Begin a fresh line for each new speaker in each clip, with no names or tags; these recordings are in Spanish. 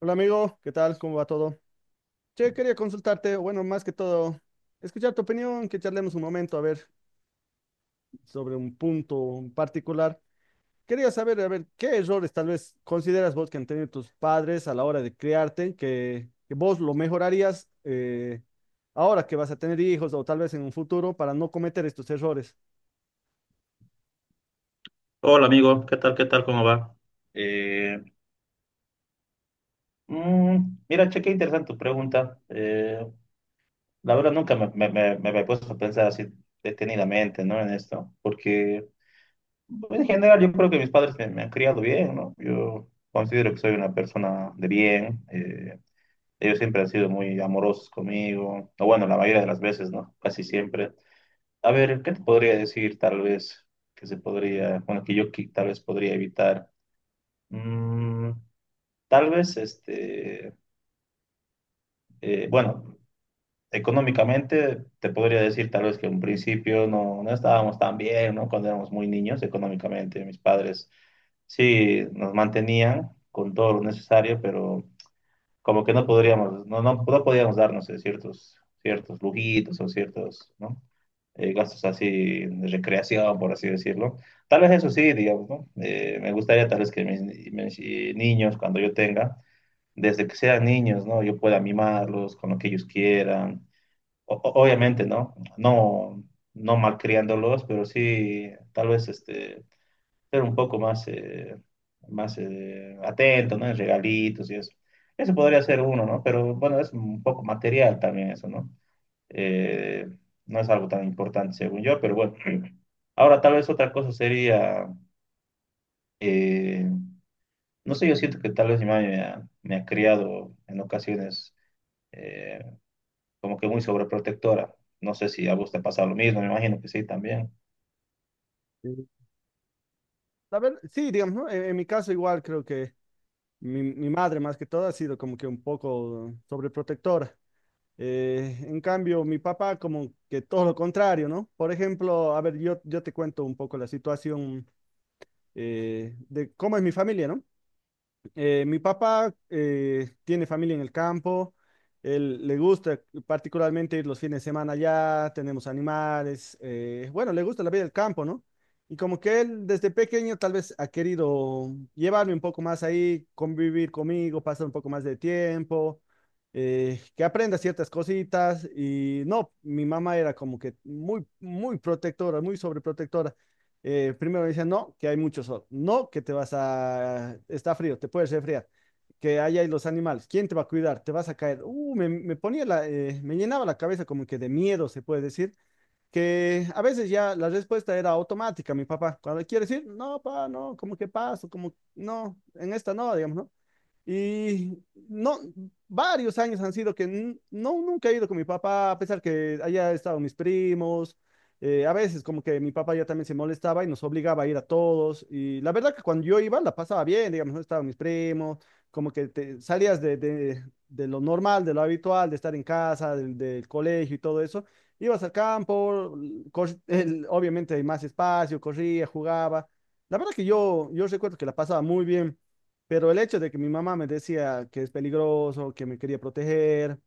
Hola amigo, ¿qué tal? ¿Cómo va todo? Che, quería consultarte, o bueno, más que todo, escuchar tu opinión, que charlemos un momento, a ver, sobre un punto en particular. Quería saber, a ver, ¿qué errores tal vez consideras vos que han tenido tus padres a la hora de criarte, que vos lo mejorarías ahora que vas a tener hijos o tal vez en un futuro para no cometer estos errores?
Hola amigo, ¿qué tal? ¿Qué tal? ¿Cómo va? Eh, mm, mira, che, qué interesante tu pregunta. La verdad nunca me había puesto a pensar así detenidamente, ¿no? En esto, porque pues, en general yo creo que mis padres me han criado bien, ¿no? Yo considero que soy una persona de bien. Ellos siempre han sido muy amorosos conmigo, o bueno, la mayoría de las veces, ¿no? Casi siempre. A ver, ¿qué te podría decir tal vez que se podría, bueno, tal vez podría evitar? Mm, Tal vez, bueno, económicamente te podría decir tal vez que en principio no estábamos tan bien, ¿no? Cuando éramos muy niños, económicamente mis padres sí nos mantenían con todo lo necesario, pero como que no podríamos, no podíamos darnos ciertos lujitos o ciertos, ¿no? Gastos así de recreación, por así decirlo. Tal vez eso sí, digamos, ¿no? Me gustaría tal vez que mis niños, cuando yo tenga, desde que sean niños, ¿no? Yo pueda mimarlos con lo que ellos quieran. Obviamente, ¿no? No, no malcriándolos, pero sí, tal vez ser un poco más, más atento, ¿no? En regalitos y eso. Eso podría ser uno, ¿no? Pero bueno, es un poco material también eso, ¿no? Eh, no es algo tan importante según yo, pero bueno. Ahora, tal vez otra cosa sería, eh, no sé, yo siento que tal vez mi mamá me ha criado en ocasiones eh, como que muy sobreprotectora. No sé si a vos te pasa lo mismo, me imagino que sí también.
Sí. A ver, sí, digamos, ¿no? En mi caso igual creo que mi madre más que todo ha sido como que un poco sobreprotectora. En cambio, mi papá como que todo lo contrario, ¿no? Por ejemplo, a ver, yo te cuento un poco la situación de cómo es mi familia, ¿no? Mi papá tiene familia en el campo, él le gusta particularmente ir los fines de semana allá, tenemos animales, bueno, le gusta la vida del campo, ¿no? Y como que él desde pequeño tal vez ha querido llevarme un poco más ahí, convivir conmigo, pasar un poco más de tiempo, que aprenda ciertas cositas y no, mi mamá era como que muy, muy protectora, muy sobreprotectora. Primero me decían, no, que hay mucho sol, no, que te vas a, está frío, te puedes resfriar, que ahí hay los animales, ¿quién te va a cuidar? Te vas a caer. Me ponía la, me llenaba la cabeza como que de miedo, se puede decir, que a veces ya la respuesta era automática, mi papá. Cuando quiere decir, no, papá, no, como que paso, como no, en esta no, digamos, ¿no? Y no, varios años han sido que no, nunca he ido con mi papá, a pesar que haya estado mis primos. A veces como que mi papá ya también se molestaba y nos obligaba a ir a todos. Y la verdad que cuando yo iba la pasaba bien, digamos, no estaban mis primos, como que te, salías de lo normal, de lo habitual, de estar en casa, del colegio y todo eso. Ibas al campo, obviamente hay más espacio, corría, jugaba. La verdad que yo recuerdo que la pasaba muy bien, pero el hecho de que mi mamá me decía que es peligroso, que me quería proteger,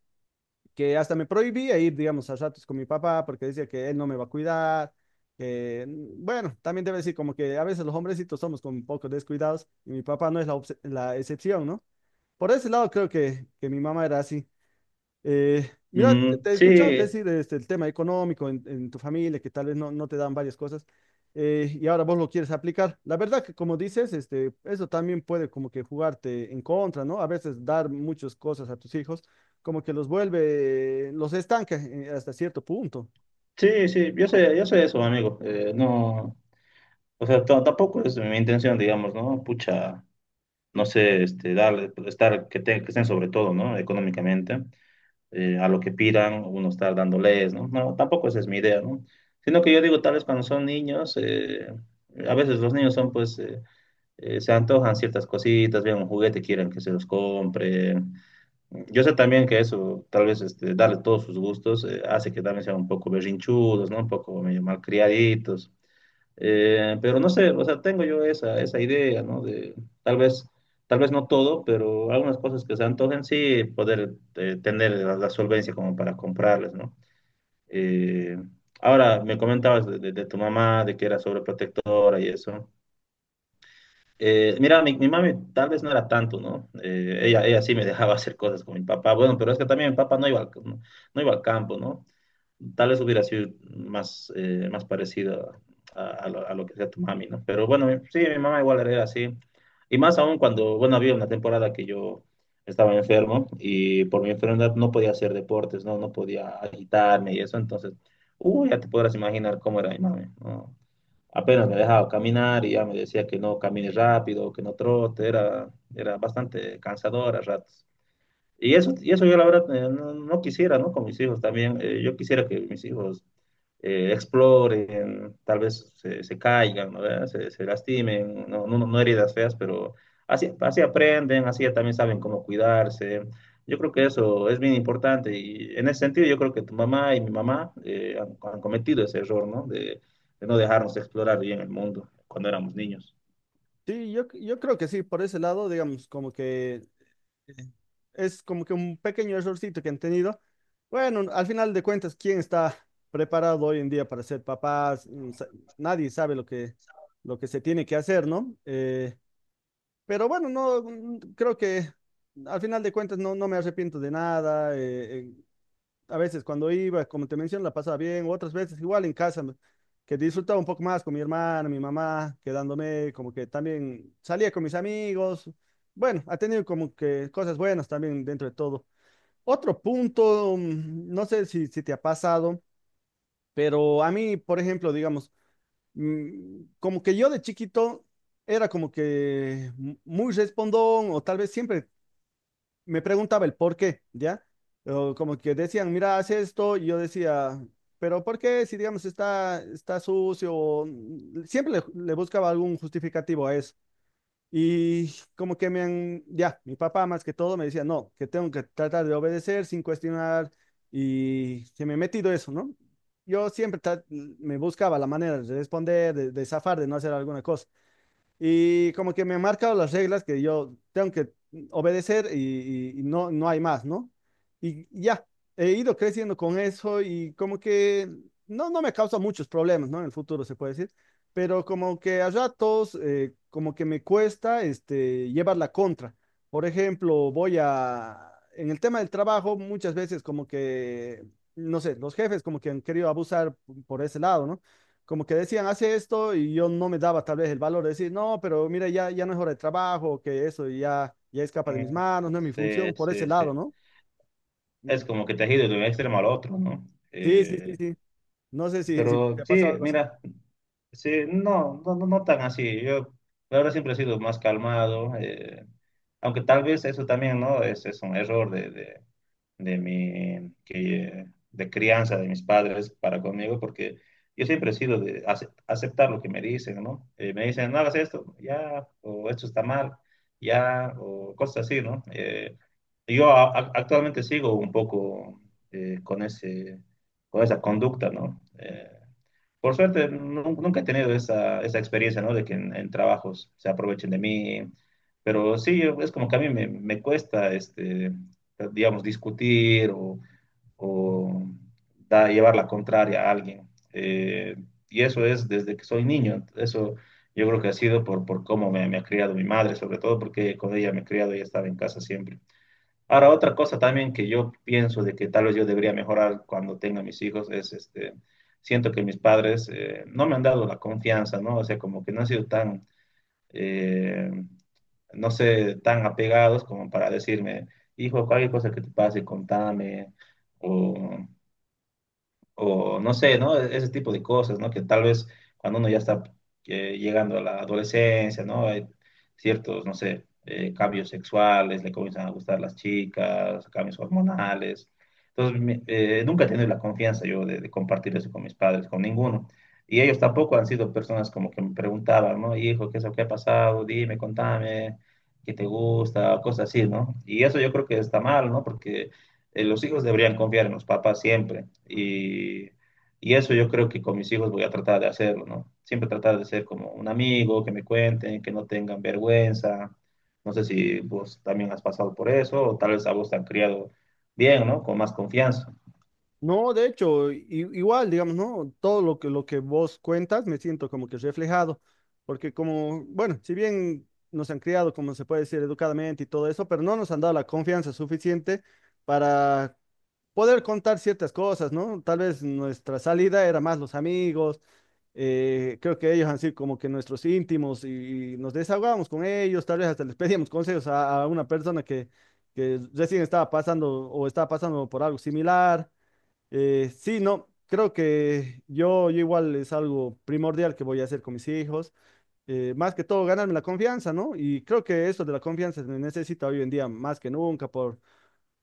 que hasta me prohibía ir, digamos, a ratos con mi papá porque decía que él no me va a cuidar. Que, mm, bueno, también debe decir como que a veces los hombrecitos somos como un poco descuidados y mi papá no es la la excepción, ¿no? Por ese lado creo que mi mamá era así. Mira, te he escuchado
Sí,
decir este, el tema económico en tu familia, que tal vez no, no te dan varias cosas, y ahora vos lo quieres aplicar. La verdad que como dices, este, eso también puede como que jugarte en contra, ¿no? A veces dar muchas cosas a tus hijos, como que los vuelve, los estanca hasta cierto punto.
sí, sí, yo sé eso, amigo. No, o sea, tampoco es mi intención, digamos, ¿no? Pucha, no sé, darle, estar, que estén sobre todo, ¿no? Económicamente, a lo que pidan, uno estar dándoles, ¿no? No, tampoco esa es mi idea, ¿no? Sino que yo digo, tal vez cuando son niños, a veces los niños son, pues, se antojan ciertas cositas, vean un juguete, quieren que se los compre. Yo sé también que eso, tal vez darle todos sus gustos, hace que también sean un poco berrinchudos, ¿no? Un poco medio malcriaditos. Pero no sé, o sea, tengo yo esa idea, ¿no? De tal vez, tal vez no todo, pero algunas cosas que se antojen, sí, poder tener la solvencia como para comprarles, ¿no? Eh, ahora, me comentabas de, de tu mamá, de que era sobreprotectora y eso. Mira, mi mami tal vez no era tanto, ¿no? Ella sí me dejaba hacer cosas con mi papá. Bueno, pero es que también mi papá no iba al, no, no iba al campo, ¿no? Tal vez hubiera sido más, más parecido a, a lo que sea tu mami, ¿no? Pero bueno, mi mamá igual era así. Y más aún cuando, bueno, había una temporada que yo estaba enfermo y por mi enfermedad no podía hacer deportes, ¿no? No podía agitarme y eso. Entonces, uy, ya te podrás imaginar cómo era mi mami, ¿no? Apenas me dejaba caminar y ya me decía que no camine rápido, que no trote, era, era bastante cansador a ratos. Y eso yo la verdad no, no quisiera, ¿no? Con mis hijos también. Yo quisiera que mis hijos exploren, tal vez se caigan, ¿no? ¿Verdad? Se lastimen, no heridas feas, pero así, así aprenden, así también saben cómo cuidarse. Yo creo que eso es bien importante y en ese sentido yo creo que tu mamá y mi mamá han cometido ese error, ¿no? De no dejarnos explorar bien el mundo cuando éramos niños.
Sí, yo creo que sí, por ese lado, digamos, como que es como que un pequeño errorcito que han tenido. Bueno, al final de cuentas, ¿quién está preparado hoy en día para ser papás? Mm, nadie sabe lo que se tiene que hacer, ¿no? Pero bueno, no, mm, creo que al final de cuentas no, no me arrepiento de nada. A veces cuando iba, como te menciono, la pasaba bien, otras veces igual en casa, que disfrutaba un poco más con mi hermana, mi mamá, quedándome como que también salía con mis amigos. Bueno, ha tenido como que cosas buenas también dentro de todo. Otro punto, mm, no sé si te ha pasado, pero a mí, por ejemplo, digamos, mm, como que yo de chiquito era como que muy respondón o tal vez siempre me preguntaba el por qué, ¿ya? O como que decían, mira, haz esto, y yo decía, pero ¿por qué? Si, digamos, está sucio, siempre le buscaba algún justificativo a eso. Y como que me han, ya, mi papá más que todo me decía, no, que tengo que tratar de obedecer sin cuestionar, y se me ha metido eso, ¿no? Yo siempre me buscaba la manera de responder, de zafar, de no hacer alguna cosa. Y como que me han marcado las reglas que yo tengo que obedecer y no, no hay más, ¿no? Y ya, he ido creciendo con eso y como que no, no me causa muchos problemas, ¿no? En el futuro se puede decir, pero como que a ratos, como que me cuesta este, llevar la contra. Por ejemplo, voy a, en el tema del trabajo, muchas veces como que, no sé, los jefes como que han querido abusar por ese lado, ¿no? Como que decían, hace esto y yo no me daba tal vez el valor de decir, no, pero mira, ya no es hora de trabajo, que eso ya escapa de mis
Mm,
manos, no es mi
Sí,
función, por ese
sí,
lado,
sí.
¿no?
Es como que te has ido de un extremo al otro, ¿no?
Sí, sí, sí, sí. No sé si te
Pero
ha pasado
sí,
algo así.
mira, sí, no, no tan así. Yo, la verdad, siempre he sido más calmado, aunque tal vez eso también, ¿no? Es un error de, de mi, que, de crianza de mis padres para conmigo, porque yo siempre he sido de aceptar lo que me dicen, ¿no? Me dicen, no hagas esto, ya, o esto está mal, ya, o cosas así, ¿no? Yo actualmente sigo un poco con con esa conducta, ¿no? Por suerte, nunca he tenido esa experiencia, ¿no? De que en trabajos se aprovechen de mí, pero sí, es como que a mí me cuesta, digamos, discutir o llevar la contraria a alguien. Y eso es desde que soy niño, eso yo creo que ha sido por cómo me ha criado mi madre, sobre todo porque con ella me he criado, ella estaba en casa siempre. Ahora, otra cosa también que yo pienso de que tal vez yo debería mejorar cuando tenga mis hijos es, siento que mis padres no me han dado la confianza, ¿no? O sea, como que no han sido tan, eh, no sé, tan apegados como para decirme, hijo, cualquier cosa que te pase, contame, o o no sé, ¿no? Ese tipo de cosas, ¿no? Que tal vez cuando uno ya está llegando a la adolescencia, ¿no? Hay ciertos, no sé, cambios sexuales, le comienzan a gustar las chicas, cambios hormonales. Entonces, nunca he tenido la confianza yo de compartir eso con mis padres, con ninguno. Y ellos tampoco han sido personas como que me preguntaban, ¿no? Hijo, ¿qué es lo que ha pasado? Dime, contame, ¿qué te gusta? Cosas así, ¿no? Y eso yo creo que está mal, ¿no? Porque los hijos deberían confiar en los papás siempre. Y eso yo creo que con mis hijos voy a tratar de hacerlo, ¿no? Siempre tratar de ser como un amigo, que me cuenten, que no tengan vergüenza. No sé si vos también has pasado por eso, o tal vez a vos te han criado bien, ¿no? Con más confianza.
No, de hecho, igual, digamos, ¿no? Todo lo que vos cuentas me siento como que reflejado, porque como, bueno, si bien nos han criado, como se puede decir, educadamente y todo eso, pero no nos han dado la confianza suficiente para poder contar ciertas cosas, ¿no? Tal vez nuestra salida era más los amigos, creo que ellos han sido como que nuestros íntimos y nos desahogábamos con ellos, tal vez hasta les pedíamos consejos a una persona que recién estaba pasando o estaba pasando por algo similar. Sí, no, creo que yo igual es algo primordial que voy a hacer con mis hijos, más que todo ganarme la confianza, ¿no? Y creo que eso de la confianza se necesita hoy en día más que nunca por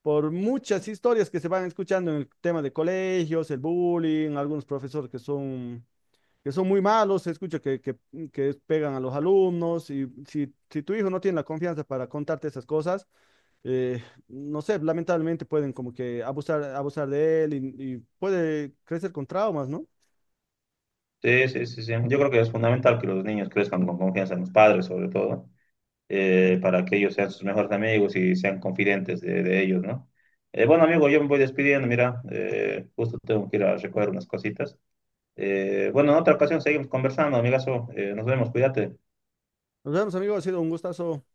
por muchas historias que se van escuchando en el tema de colegios, el bullying, algunos profesores que son muy malos, se escucha que pegan a los alumnos y si, si tu hijo no tiene la confianza para contarte esas cosas, eh, no sé, lamentablemente pueden como que abusar, abusar de él y puede crecer con traumas, ¿no?
Sí, sí, sí, sí. Yo creo que es fundamental que los niños crezcan con confianza en los padres, sobre todo, para que ellos sean sus mejores amigos y sean confidentes de ellos, ¿no? Bueno, amigo, yo me voy despidiendo, mira, justo tengo que ir a recoger unas cositas. Bueno, en otra ocasión seguimos conversando, amigazo. Nos vemos, cuídate.
Nos vemos, amigos, ha sido un gustazo.